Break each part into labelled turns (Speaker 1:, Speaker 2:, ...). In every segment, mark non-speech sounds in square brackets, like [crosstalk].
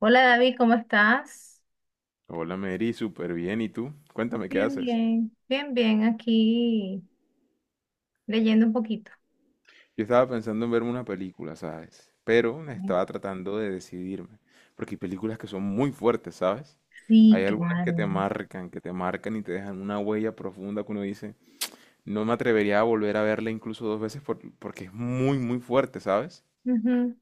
Speaker 1: Hola David, ¿cómo estás?
Speaker 2: Hola Mary, súper bien. ¿Y tú? Cuéntame, ¿qué
Speaker 1: Bien,
Speaker 2: haces?
Speaker 1: bien. Bien, bien, aquí leyendo un poquito.
Speaker 2: Yo estaba pensando en verme una película, ¿sabes? Pero estaba tratando de decidirme, porque hay películas que son muy fuertes, ¿sabes?
Speaker 1: Sí,
Speaker 2: Hay algunas
Speaker 1: claro.
Speaker 2: que te marcan y te dejan una huella profunda que uno dice, no me atrevería a volver a verla incluso dos veces porque es muy, muy fuerte, ¿sabes?
Speaker 1: Ujú.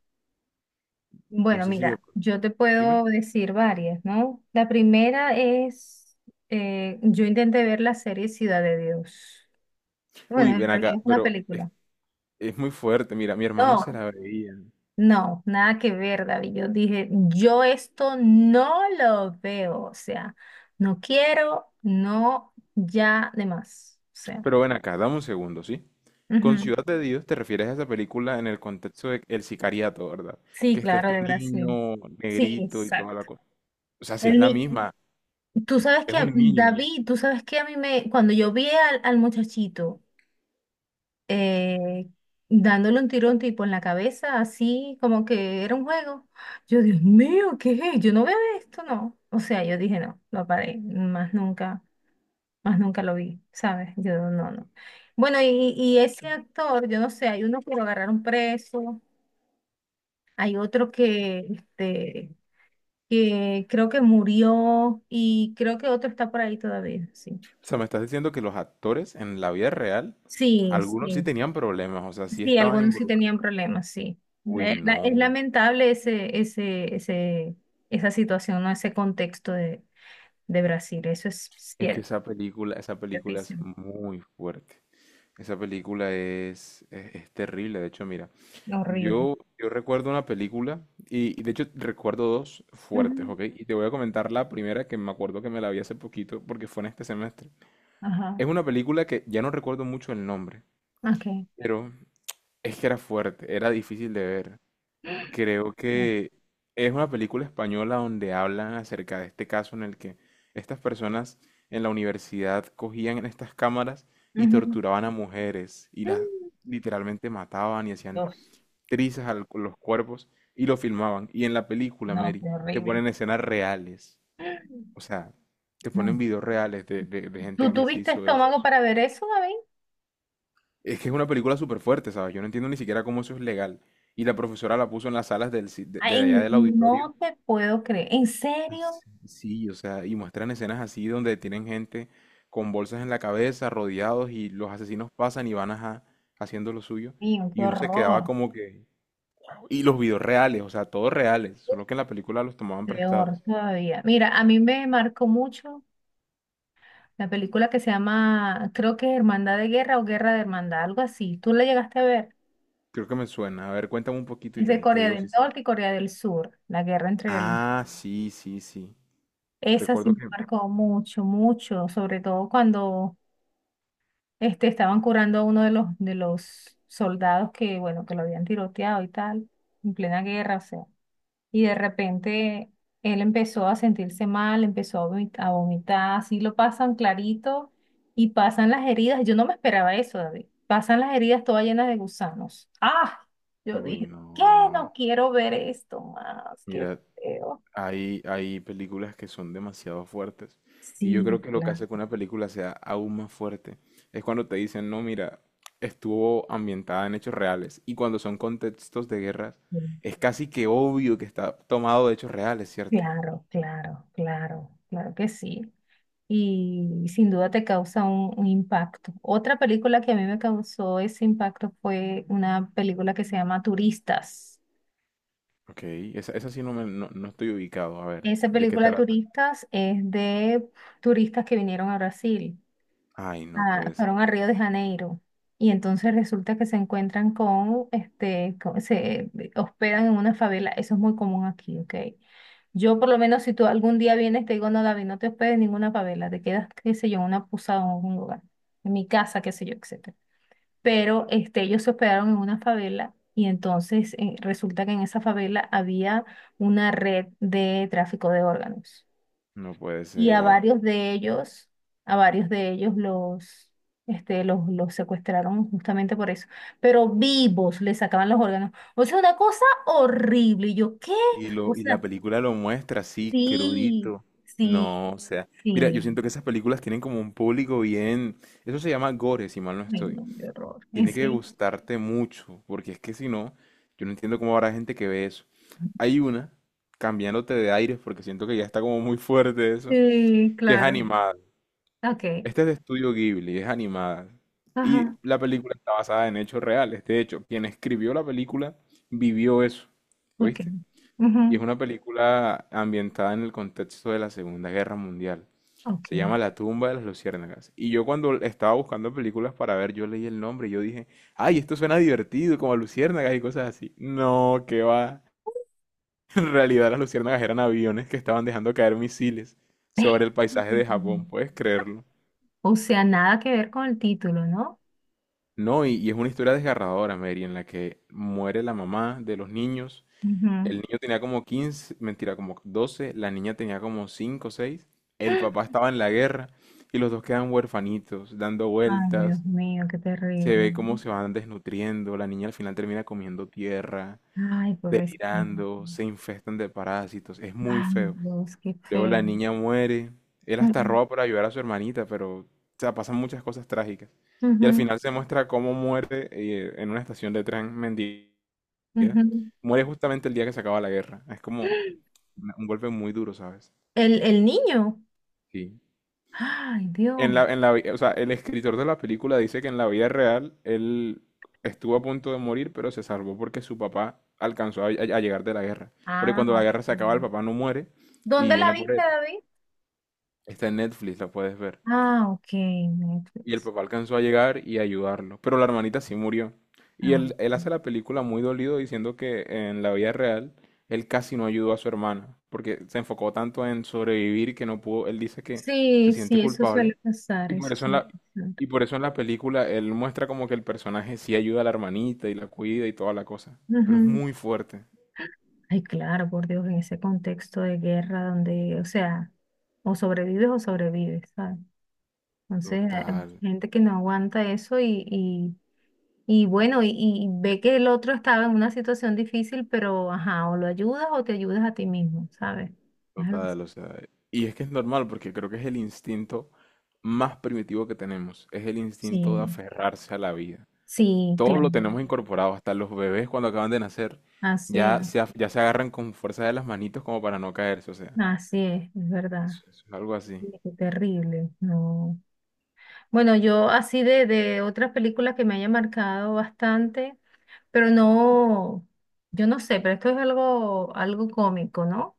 Speaker 2: No
Speaker 1: Bueno,
Speaker 2: sé si de...
Speaker 1: mira, yo te
Speaker 2: Dime.
Speaker 1: puedo decir varias, ¿no? Yo intenté ver la serie Ciudad de Dios. Bueno,
Speaker 2: Uy,
Speaker 1: en
Speaker 2: ven acá,
Speaker 1: realidad es una película.
Speaker 2: es muy fuerte. Mira, mi hermano se
Speaker 1: No,
Speaker 2: la veía.
Speaker 1: no, nada que ver, David. Yo dije, yo esto no lo veo, o sea, no quiero, no, ya de más. O sea,
Speaker 2: Pero ven acá, dame un segundo, ¿sí? Con
Speaker 1: ujú.
Speaker 2: Ciudad de Dios te refieres a esa película en el contexto de el sicariato, ¿verdad?
Speaker 1: Sí,
Speaker 2: Que está
Speaker 1: claro,
Speaker 2: este
Speaker 1: de Brasil.
Speaker 2: niño
Speaker 1: Sí,
Speaker 2: negrito y toda la
Speaker 1: exacto.
Speaker 2: cosa. O sea, si es
Speaker 1: El
Speaker 2: la
Speaker 1: ni-
Speaker 2: misma,
Speaker 1: Tú sabes que,
Speaker 2: es un niño.
Speaker 1: David, tú sabes que a mí me, cuando yo vi al muchachito eh, dándole un tiro a un tipo en la cabeza, así como que era un juego. Yo, Dios mío, ¿qué es? Yo no veo esto, no. O sea, yo dije, no, lo paré, más nunca lo vi, ¿sabes? Yo, no, no. Bueno, y ese actor, yo no sé, hay uno que lo agarraron preso, hay otro que, que creo que murió, y creo que otro está por ahí todavía, sí.
Speaker 2: O sea, me estás diciendo que los actores en la vida real,
Speaker 1: Sí,
Speaker 2: algunos sí
Speaker 1: sí,
Speaker 2: tenían problemas, o sea, sí
Speaker 1: sí,
Speaker 2: estaban
Speaker 1: algunos sí
Speaker 2: involucrados.
Speaker 1: tenían problemas, sí.
Speaker 2: Uy,
Speaker 1: Es
Speaker 2: no.
Speaker 1: lamentable esa situación, ¿no? Ese contexto de Brasil, eso es
Speaker 2: Es que
Speaker 1: cierto,
Speaker 2: esa película es
Speaker 1: ciertísimo,
Speaker 2: muy fuerte. Esa película es terrible. De hecho, mira,
Speaker 1: horrible.
Speaker 2: yo recuerdo una película, y de hecho recuerdo dos fuertes,
Speaker 1: Ujú,
Speaker 2: ¿ok? Y te voy a comentar la primera que me acuerdo que me la vi hace poquito, porque fue en este semestre.
Speaker 1: ajá,
Speaker 2: Es una película que ya no recuerdo mucho el nombre,
Speaker 1: ok.
Speaker 2: pero es que era fuerte, era difícil de ver. Creo
Speaker 1: No.
Speaker 2: que es una película española donde hablan acerca de este caso en el que estas personas en la universidad cogían en estas cámaras y
Speaker 1: Ujú.
Speaker 2: torturaban a mujeres y las
Speaker 1: Mm,
Speaker 2: literalmente mataban y hacían
Speaker 1: Dios,
Speaker 2: trizas a los cuerpos y lo filmaban. Y en la película,
Speaker 1: no,
Speaker 2: Mary,
Speaker 1: qué
Speaker 2: te
Speaker 1: horrible.
Speaker 2: ponen escenas reales. O sea, te ponen
Speaker 1: No.
Speaker 2: videos reales de gente
Speaker 1: ¿Tú
Speaker 2: que se
Speaker 1: tuviste
Speaker 2: hizo eso.
Speaker 1: estómago para ver eso?
Speaker 2: Es que es una película súper fuerte, ¿sabes? Yo no entiendo ni siquiera cómo eso es legal. Y la profesora la puso en las salas de
Speaker 1: Ay,
Speaker 2: allá del auditorio.
Speaker 1: no te puedo creer. ¿En serio?
Speaker 2: Sí, o sea, y muestran escenas así donde tienen gente con bolsas en la cabeza, rodeados, y los asesinos pasan y van ajá, haciendo lo suyo.
Speaker 1: Mío, qué
Speaker 2: Y uno se quedaba
Speaker 1: horror.
Speaker 2: como que... Y los videos reales, o sea, todos reales, solo que en la película los tomaban
Speaker 1: Peor
Speaker 2: prestados.
Speaker 1: todavía. Mira, a mí me marcó mucho la película que se llama, creo que Hermandad de Guerra o Guerra de Hermandad, algo así. ¿Tú la llegaste a ver?
Speaker 2: Creo que me suena. A ver, cuéntame un poquito y
Speaker 1: Es de
Speaker 2: te
Speaker 1: Corea
Speaker 2: digo si
Speaker 1: del
Speaker 2: sí.
Speaker 1: Norte y Corea del Sur, la guerra entre el...
Speaker 2: Ah, sí, sí, sí.
Speaker 1: Esa sí
Speaker 2: Recuerdo
Speaker 1: me
Speaker 2: que...
Speaker 1: marcó mucho, mucho, sobre todo cuando estaban curando a uno de los soldados que, bueno, que lo habían tiroteado y tal, en plena guerra, o sea. Y de repente él empezó a sentirse mal, empezó a vomitar, así lo pasan clarito y pasan las heridas. Yo no me esperaba eso, David. Pasan las heridas todas llenas de gusanos. ¡Ah! Yo
Speaker 2: Uy,
Speaker 1: dije, ¿qué?
Speaker 2: no.
Speaker 1: No quiero ver esto más, qué
Speaker 2: Mira,
Speaker 1: feo.
Speaker 2: hay películas que son demasiado fuertes. Y yo
Speaker 1: Sí,
Speaker 2: creo que lo que
Speaker 1: claro,
Speaker 2: hace que una película sea aún más fuerte es cuando te dicen, no, mira, estuvo ambientada en hechos reales. Y cuando son contextos de guerras, es casi que obvio que está tomado de hechos reales, ¿cierto?
Speaker 1: claro, claro, claro, claro que sí. Y sin duda te causa un impacto. Otra película que a mí me causó ese impacto fue una película que se llama Turistas.
Speaker 2: Ok, esa sí no, no, no estoy ubicado. A ver,
Speaker 1: Esa
Speaker 2: ¿de qué
Speaker 1: película
Speaker 2: trata?
Speaker 1: Turistas es de turistas que vinieron a Brasil,
Speaker 2: Ay, no puede
Speaker 1: fueron
Speaker 2: ser.
Speaker 1: a Río de Janeiro, y entonces resulta que se encuentran con, se hospedan en una favela, eso es muy común aquí, ¿ok? Yo por lo menos, si tú algún día vienes te digo, no, David, no te hospedes en ninguna favela, te quedas, qué sé yo, en una posada o en un lugar, en mi casa, qué sé yo, etcétera. Pero este, ellos se hospedaron en una favela y entonces resulta que en esa favela había una red de tráfico de órganos
Speaker 2: No puede
Speaker 1: y a
Speaker 2: ser.
Speaker 1: varios de ellos, a varios de ellos los, los secuestraron justamente por eso, pero vivos les sacaban los órganos. O sea, una cosa horrible. Y yo, ¿qué?
Speaker 2: Y,
Speaker 1: O
Speaker 2: lo, y la
Speaker 1: sea,
Speaker 2: película lo muestra así,
Speaker 1: sí,
Speaker 2: crudito.
Speaker 1: sí,
Speaker 2: No, o sea, mira, yo
Speaker 1: sí.
Speaker 2: siento que esas películas tienen como un público bien... Eso se llama gore, si mal no
Speaker 1: Ay,
Speaker 2: estoy.
Speaker 1: no, qué horror. ¿En
Speaker 2: Tiene que
Speaker 1: serio?
Speaker 2: gustarte mucho, porque es que si no, yo no entiendo cómo habrá gente que ve eso. Hay una, cambiándote de aires, porque siento que ya está como muy fuerte eso,
Speaker 1: Sí,
Speaker 2: que es
Speaker 1: claro.
Speaker 2: animada.
Speaker 1: Ok.
Speaker 2: Este es de Estudio Ghibli, es animada. Y
Speaker 1: Ajá.
Speaker 2: la película está basada en hechos reales. De hecho, quien escribió la película vivió eso.
Speaker 1: Ok.
Speaker 2: ¿Oíste? Y es
Speaker 1: Ujú,
Speaker 2: una película ambientada en el contexto de la Segunda Guerra Mundial.
Speaker 1: ok.
Speaker 2: Se llama La tumba de las luciérnagas. Y yo cuando estaba buscando películas para ver, yo leí el nombre y yo dije, ay, esto suena divertido, como a luciérnagas y cosas así. No, que va. [laughs] En realidad las luciérnagas eran aviones que estaban dejando caer misiles
Speaker 1: [laughs]
Speaker 2: sobre
Speaker 1: Ve.
Speaker 2: el paisaje de Japón, puedes creerlo.
Speaker 1: O sea, nada que ver con el título, ¿no?
Speaker 2: No, y es una historia desgarradora, Mary, en la que muere la mamá de los niños.
Speaker 1: Ujú.
Speaker 2: El niño tenía como quince, mentira, como doce, la niña tenía como 5 o seis, el papá
Speaker 1: [gasps]
Speaker 2: estaba en la guerra y los dos quedan huerfanitos, dando
Speaker 1: Ay, Dios
Speaker 2: vueltas,
Speaker 1: mío, qué
Speaker 2: se
Speaker 1: terrible.
Speaker 2: ve cómo se van desnutriendo, la niña al final termina comiendo tierra,
Speaker 1: Ay, pues es que-
Speaker 2: tirando, se infestan de parásitos, es muy
Speaker 1: Ay,
Speaker 2: feo.
Speaker 1: Dios, qué
Speaker 2: Luego
Speaker 1: feo.
Speaker 2: la niña muere, él hasta
Speaker 1: Ujú,
Speaker 2: roba para ayudar a su hermanita, pero o sea, pasan muchas cosas trágicas. Y al
Speaker 1: ujú,
Speaker 2: final se muestra cómo muere en una estación de tren mendiga,
Speaker 1: ujú.
Speaker 2: muere justamente el día que se acaba la guerra, es como un golpe muy duro, ¿sabes?
Speaker 1: El niño.
Speaker 2: Sí.
Speaker 1: Ay, Dios.
Speaker 2: O sea, el escritor de la película dice que en la vida real él estuvo a punto de morir, pero se salvó porque su papá alcanzó a llegar de la guerra. Porque
Speaker 1: Ah,
Speaker 2: cuando la guerra
Speaker 1: ok.
Speaker 2: se acaba, el papá no muere y
Speaker 1: ¿Dónde la
Speaker 2: viene por
Speaker 1: viste,
Speaker 2: él.
Speaker 1: David?
Speaker 2: Está en Netflix, la puedes ver.
Speaker 1: Ah, ok,
Speaker 2: Y el
Speaker 1: Netflix.
Speaker 2: papá alcanzó a llegar y a ayudarlo, pero la hermanita sí murió.
Speaker 1: Ah,
Speaker 2: Él
Speaker 1: ok.
Speaker 2: hace la película muy dolido diciendo que en la vida real él casi no ayudó a su hermana, porque se enfocó tanto en sobrevivir que no pudo, él dice que se
Speaker 1: Sí,
Speaker 2: siente
Speaker 1: sí, eso
Speaker 2: culpable.
Speaker 1: suele pasar,
Speaker 2: Y por
Speaker 1: eso
Speaker 2: eso en
Speaker 1: suele
Speaker 2: la,
Speaker 1: pasar.
Speaker 2: y por eso en la película él muestra como que el personaje sí ayuda a la hermanita y la cuida y toda la cosa. Pero es
Speaker 1: Ujú.
Speaker 2: muy fuerte.
Speaker 1: Ay, claro, por Dios, en ese contexto de guerra donde, o sea, o sobrevives, ¿sabes? Entonces, hay
Speaker 2: Total,
Speaker 1: mucha gente que no aguanta eso. Y bueno, y ve que el otro estaba en una situación difícil, pero ajá, o lo ayudas o te ayudas a ti mismo, ¿sabes? Es algo así.
Speaker 2: total, o sea. Y es que es normal porque creo que es el instinto más primitivo que tenemos. Es el
Speaker 1: Sí,
Speaker 2: instinto de aferrarse a la vida.
Speaker 1: sí,
Speaker 2: Todos
Speaker 1: claro.
Speaker 2: lo tenemos incorporado, hasta los bebés cuando acaban de nacer
Speaker 1: Así es,
Speaker 2: ya se agarran con fuerza de las manitos como para no caerse, o sea.
Speaker 1: así es verdad.
Speaker 2: Eso es algo
Speaker 1: Sí,
Speaker 2: así.
Speaker 1: qué terrible, no. Bueno, yo así de otras películas que me haya marcado bastante, pero no, yo no sé, pero esto es algo, algo cómico, ¿no?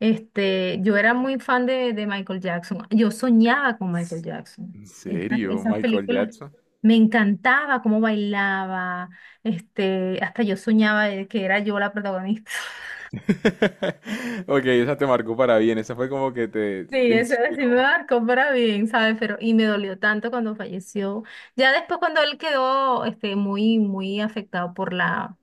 Speaker 1: Este, yo era muy fan de Michael Jackson. Yo soñaba con Michael Jackson.
Speaker 2: ¿En
Speaker 1: Esas,
Speaker 2: serio,
Speaker 1: esas
Speaker 2: Michael
Speaker 1: películas,
Speaker 2: Jackson?
Speaker 1: me encantaba cómo bailaba. Este, hasta yo soñaba de que era yo la protagonista. [laughs]
Speaker 2: [laughs] Ok, esa te marcó para bien, esa fue como que
Speaker 1: Sí,
Speaker 2: te
Speaker 1: eso
Speaker 2: inspiró.
Speaker 1: sí me marcó para bien, ¿sabes? Pero, y me dolió tanto cuando falleció. Ya después cuando él quedó, este, muy, muy afectado por la,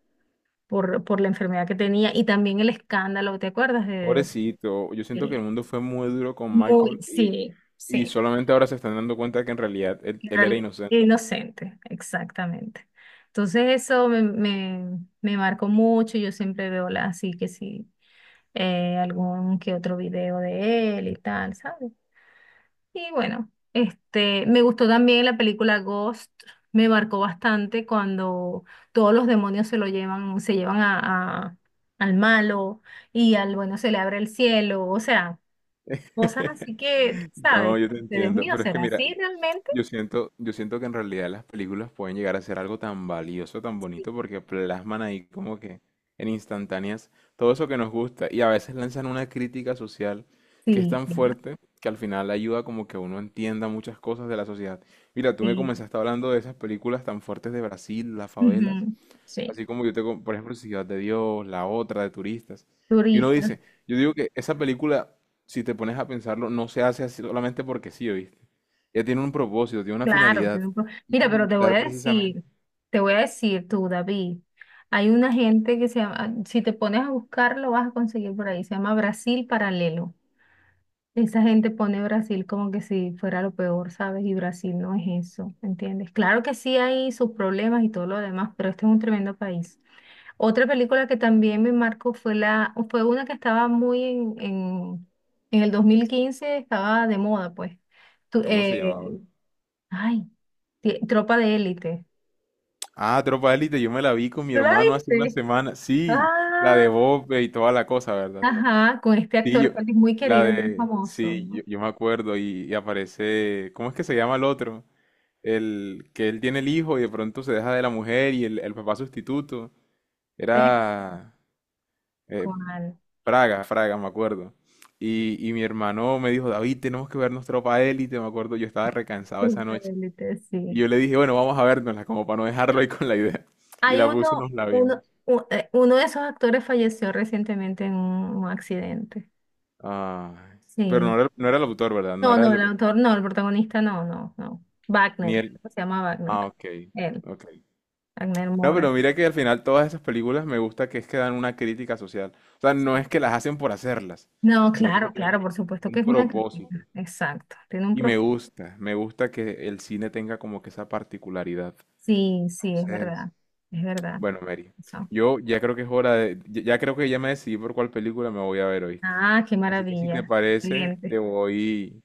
Speaker 1: por, por la enfermedad que tenía, y también el escándalo, ¿te acuerdas
Speaker 2: Pobrecito, yo siento que el
Speaker 1: de-
Speaker 2: mundo fue muy duro con
Speaker 1: Muy,
Speaker 2: Michael
Speaker 1: sí,
Speaker 2: y
Speaker 1: sí.
Speaker 2: solamente ahora se están dando cuenta que en realidad él,
Speaker 1: En
Speaker 2: él era
Speaker 1: realidad,
Speaker 2: inocente.
Speaker 1: inocente, exactamente. Entonces eso me, me marcó mucho, yo siempre veo así que sí, algún que otro video de él y tal, ¿sabes? Y bueno, este, me gustó también la película Ghost, me marcó bastante cuando todos los demonios se lo llevan, se llevan a, al malo, y al bueno se le abre el cielo, o sea, cosas
Speaker 2: [laughs]
Speaker 1: así que, ¿sabes?
Speaker 2: No, yo te
Speaker 1: De Dios
Speaker 2: entiendo,
Speaker 1: mío,
Speaker 2: pero es que
Speaker 1: ¿será
Speaker 2: mira,
Speaker 1: así realmente?
Speaker 2: Yo siento que en realidad las películas pueden llegar a ser algo tan valioso, tan
Speaker 1: Sí,
Speaker 2: bonito, porque plasman ahí como que en instantáneas todo eso que nos gusta y a veces lanzan una crítica social que es
Speaker 1: sí.
Speaker 2: tan
Speaker 1: Claro,
Speaker 2: fuerte que al final ayuda como que uno entienda muchas cosas de la sociedad. Mira, tú me
Speaker 1: sí.
Speaker 2: comenzaste hablando de esas películas tan fuertes de Brasil, las favelas,
Speaker 1: Ujú, sí,
Speaker 2: así como yo tengo, por ejemplo, Ciudad de Dios, la otra de turistas. Y uno
Speaker 1: turista,
Speaker 2: dice, yo digo que esa película, si te pones a pensarlo, no se hace así solamente porque sí, ¿oíste? Ella tiene un propósito, tiene una
Speaker 1: claro.
Speaker 2: finalidad.
Speaker 1: Tiene un pro-
Speaker 2: Y es
Speaker 1: Mira, pero te voy
Speaker 2: evitar
Speaker 1: a
Speaker 2: precisamente,
Speaker 1: decir, te voy a decir tú, David, hay una gente que se llama, si te pones a buscarlo vas a conseguir por ahí, se llama Brasil Paralelo. Esa gente pone Brasil como que si fuera lo peor, ¿sabes? Y Brasil no es eso, ¿entiendes? Claro que sí hay sus problemas y todo lo demás, pero este es un tremendo país. Otra película que también me marcó fue la, fue una que estaba muy en el 2015, estaba de moda, pues. Tu-
Speaker 2: ¿cómo se llamaba?
Speaker 1: eh, ay, Tropa de Élite.
Speaker 2: Ah, Tropa de Élite, yo me la vi con mi
Speaker 1: ¿Tú la
Speaker 2: hermano hace una
Speaker 1: viste?
Speaker 2: semana. Sí, la
Speaker 1: Ah,
Speaker 2: de Bob y toda la cosa, ¿verdad?
Speaker 1: ajá, con este
Speaker 2: Sí, yo,
Speaker 1: actor que es muy
Speaker 2: la
Speaker 1: querido, muy
Speaker 2: de,
Speaker 1: famoso,
Speaker 2: sí,
Speaker 1: ¿no?
Speaker 2: yo me acuerdo y aparece, ¿cómo es que se llama el otro? El que él tiene el hijo y de pronto se deja de la mujer y el papá sustituto
Speaker 1: Eh,
Speaker 2: era eh,
Speaker 1: ¿Cuál?
Speaker 2: Fraga, me acuerdo. Y mi hermano me dijo, David, tenemos que vernos Tropa Élite, me acuerdo, yo estaba recansado esa
Speaker 1: Tropa de
Speaker 2: noche.
Speaker 1: Élite, sí.
Speaker 2: Y yo le dije, bueno, vamos a vernosla, como para no dejarlo ahí con la idea. Y
Speaker 1: Hay
Speaker 2: la puse y nos la vimos.
Speaker 1: uno de esos actores falleció recientemente en un accidente.
Speaker 2: Ah, pero
Speaker 1: Sí.
Speaker 2: no era, no era el autor, ¿verdad? No
Speaker 1: No,
Speaker 2: era
Speaker 1: no, el
Speaker 2: el...
Speaker 1: autor no, el protagonista no, no, no.
Speaker 2: Ni
Speaker 1: Wagner, creo
Speaker 2: el...
Speaker 1: que se llama
Speaker 2: Ah,
Speaker 1: Wagner.
Speaker 2: ok,
Speaker 1: Él,
Speaker 2: ok.
Speaker 1: Wagner
Speaker 2: No,
Speaker 1: Mora.
Speaker 2: pero mira que al final todas esas películas me gusta que es que dan una crítica social. O sea, no es que las hacen por hacerlas,
Speaker 1: No,
Speaker 2: sino que
Speaker 1: claro,
Speaker 2: tienen
Speaker 1: claro, por supuesto que
Speaker 2: un
Speaker 1: es una
Speaker 2: propósito.
Speaker 1: crítica. Exacto, tiene un
Speaker 2: Y
Speaker 1: propósito.
Speaker 2: me gusta que el cine tenga como que esa particularidad.
Speaker 1: Sí, sí, es
Speaker 2: Entonces,
Speaker 1: verdad, es verdad.
Speaker 2: bueno, Mary,
Speaker 1: Eso.
Speaker 2: yo ya creo que es hora de, ya ya creo que ya me decidí por cuál película me voy a ver, ¿oíste?
Speaker 1: Ah, qué
Speaker 2: Así que si te
Speaker 1: maravilla.
Speaker 2: parece,
Speaker 1: Excelente.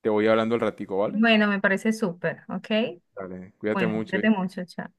Speaker 2: te voy hablando el ratico, ¿vale?
Speaker 1: Bueno, me parece súper, ¿ok?
Speaker 2: Dale, cuídate
Speaker 1: Bueno,
Speaker 2: mucho,
Speaker 1: cuídate
Speaker 2: ¿eh?
Speaker 1: mucho, chao.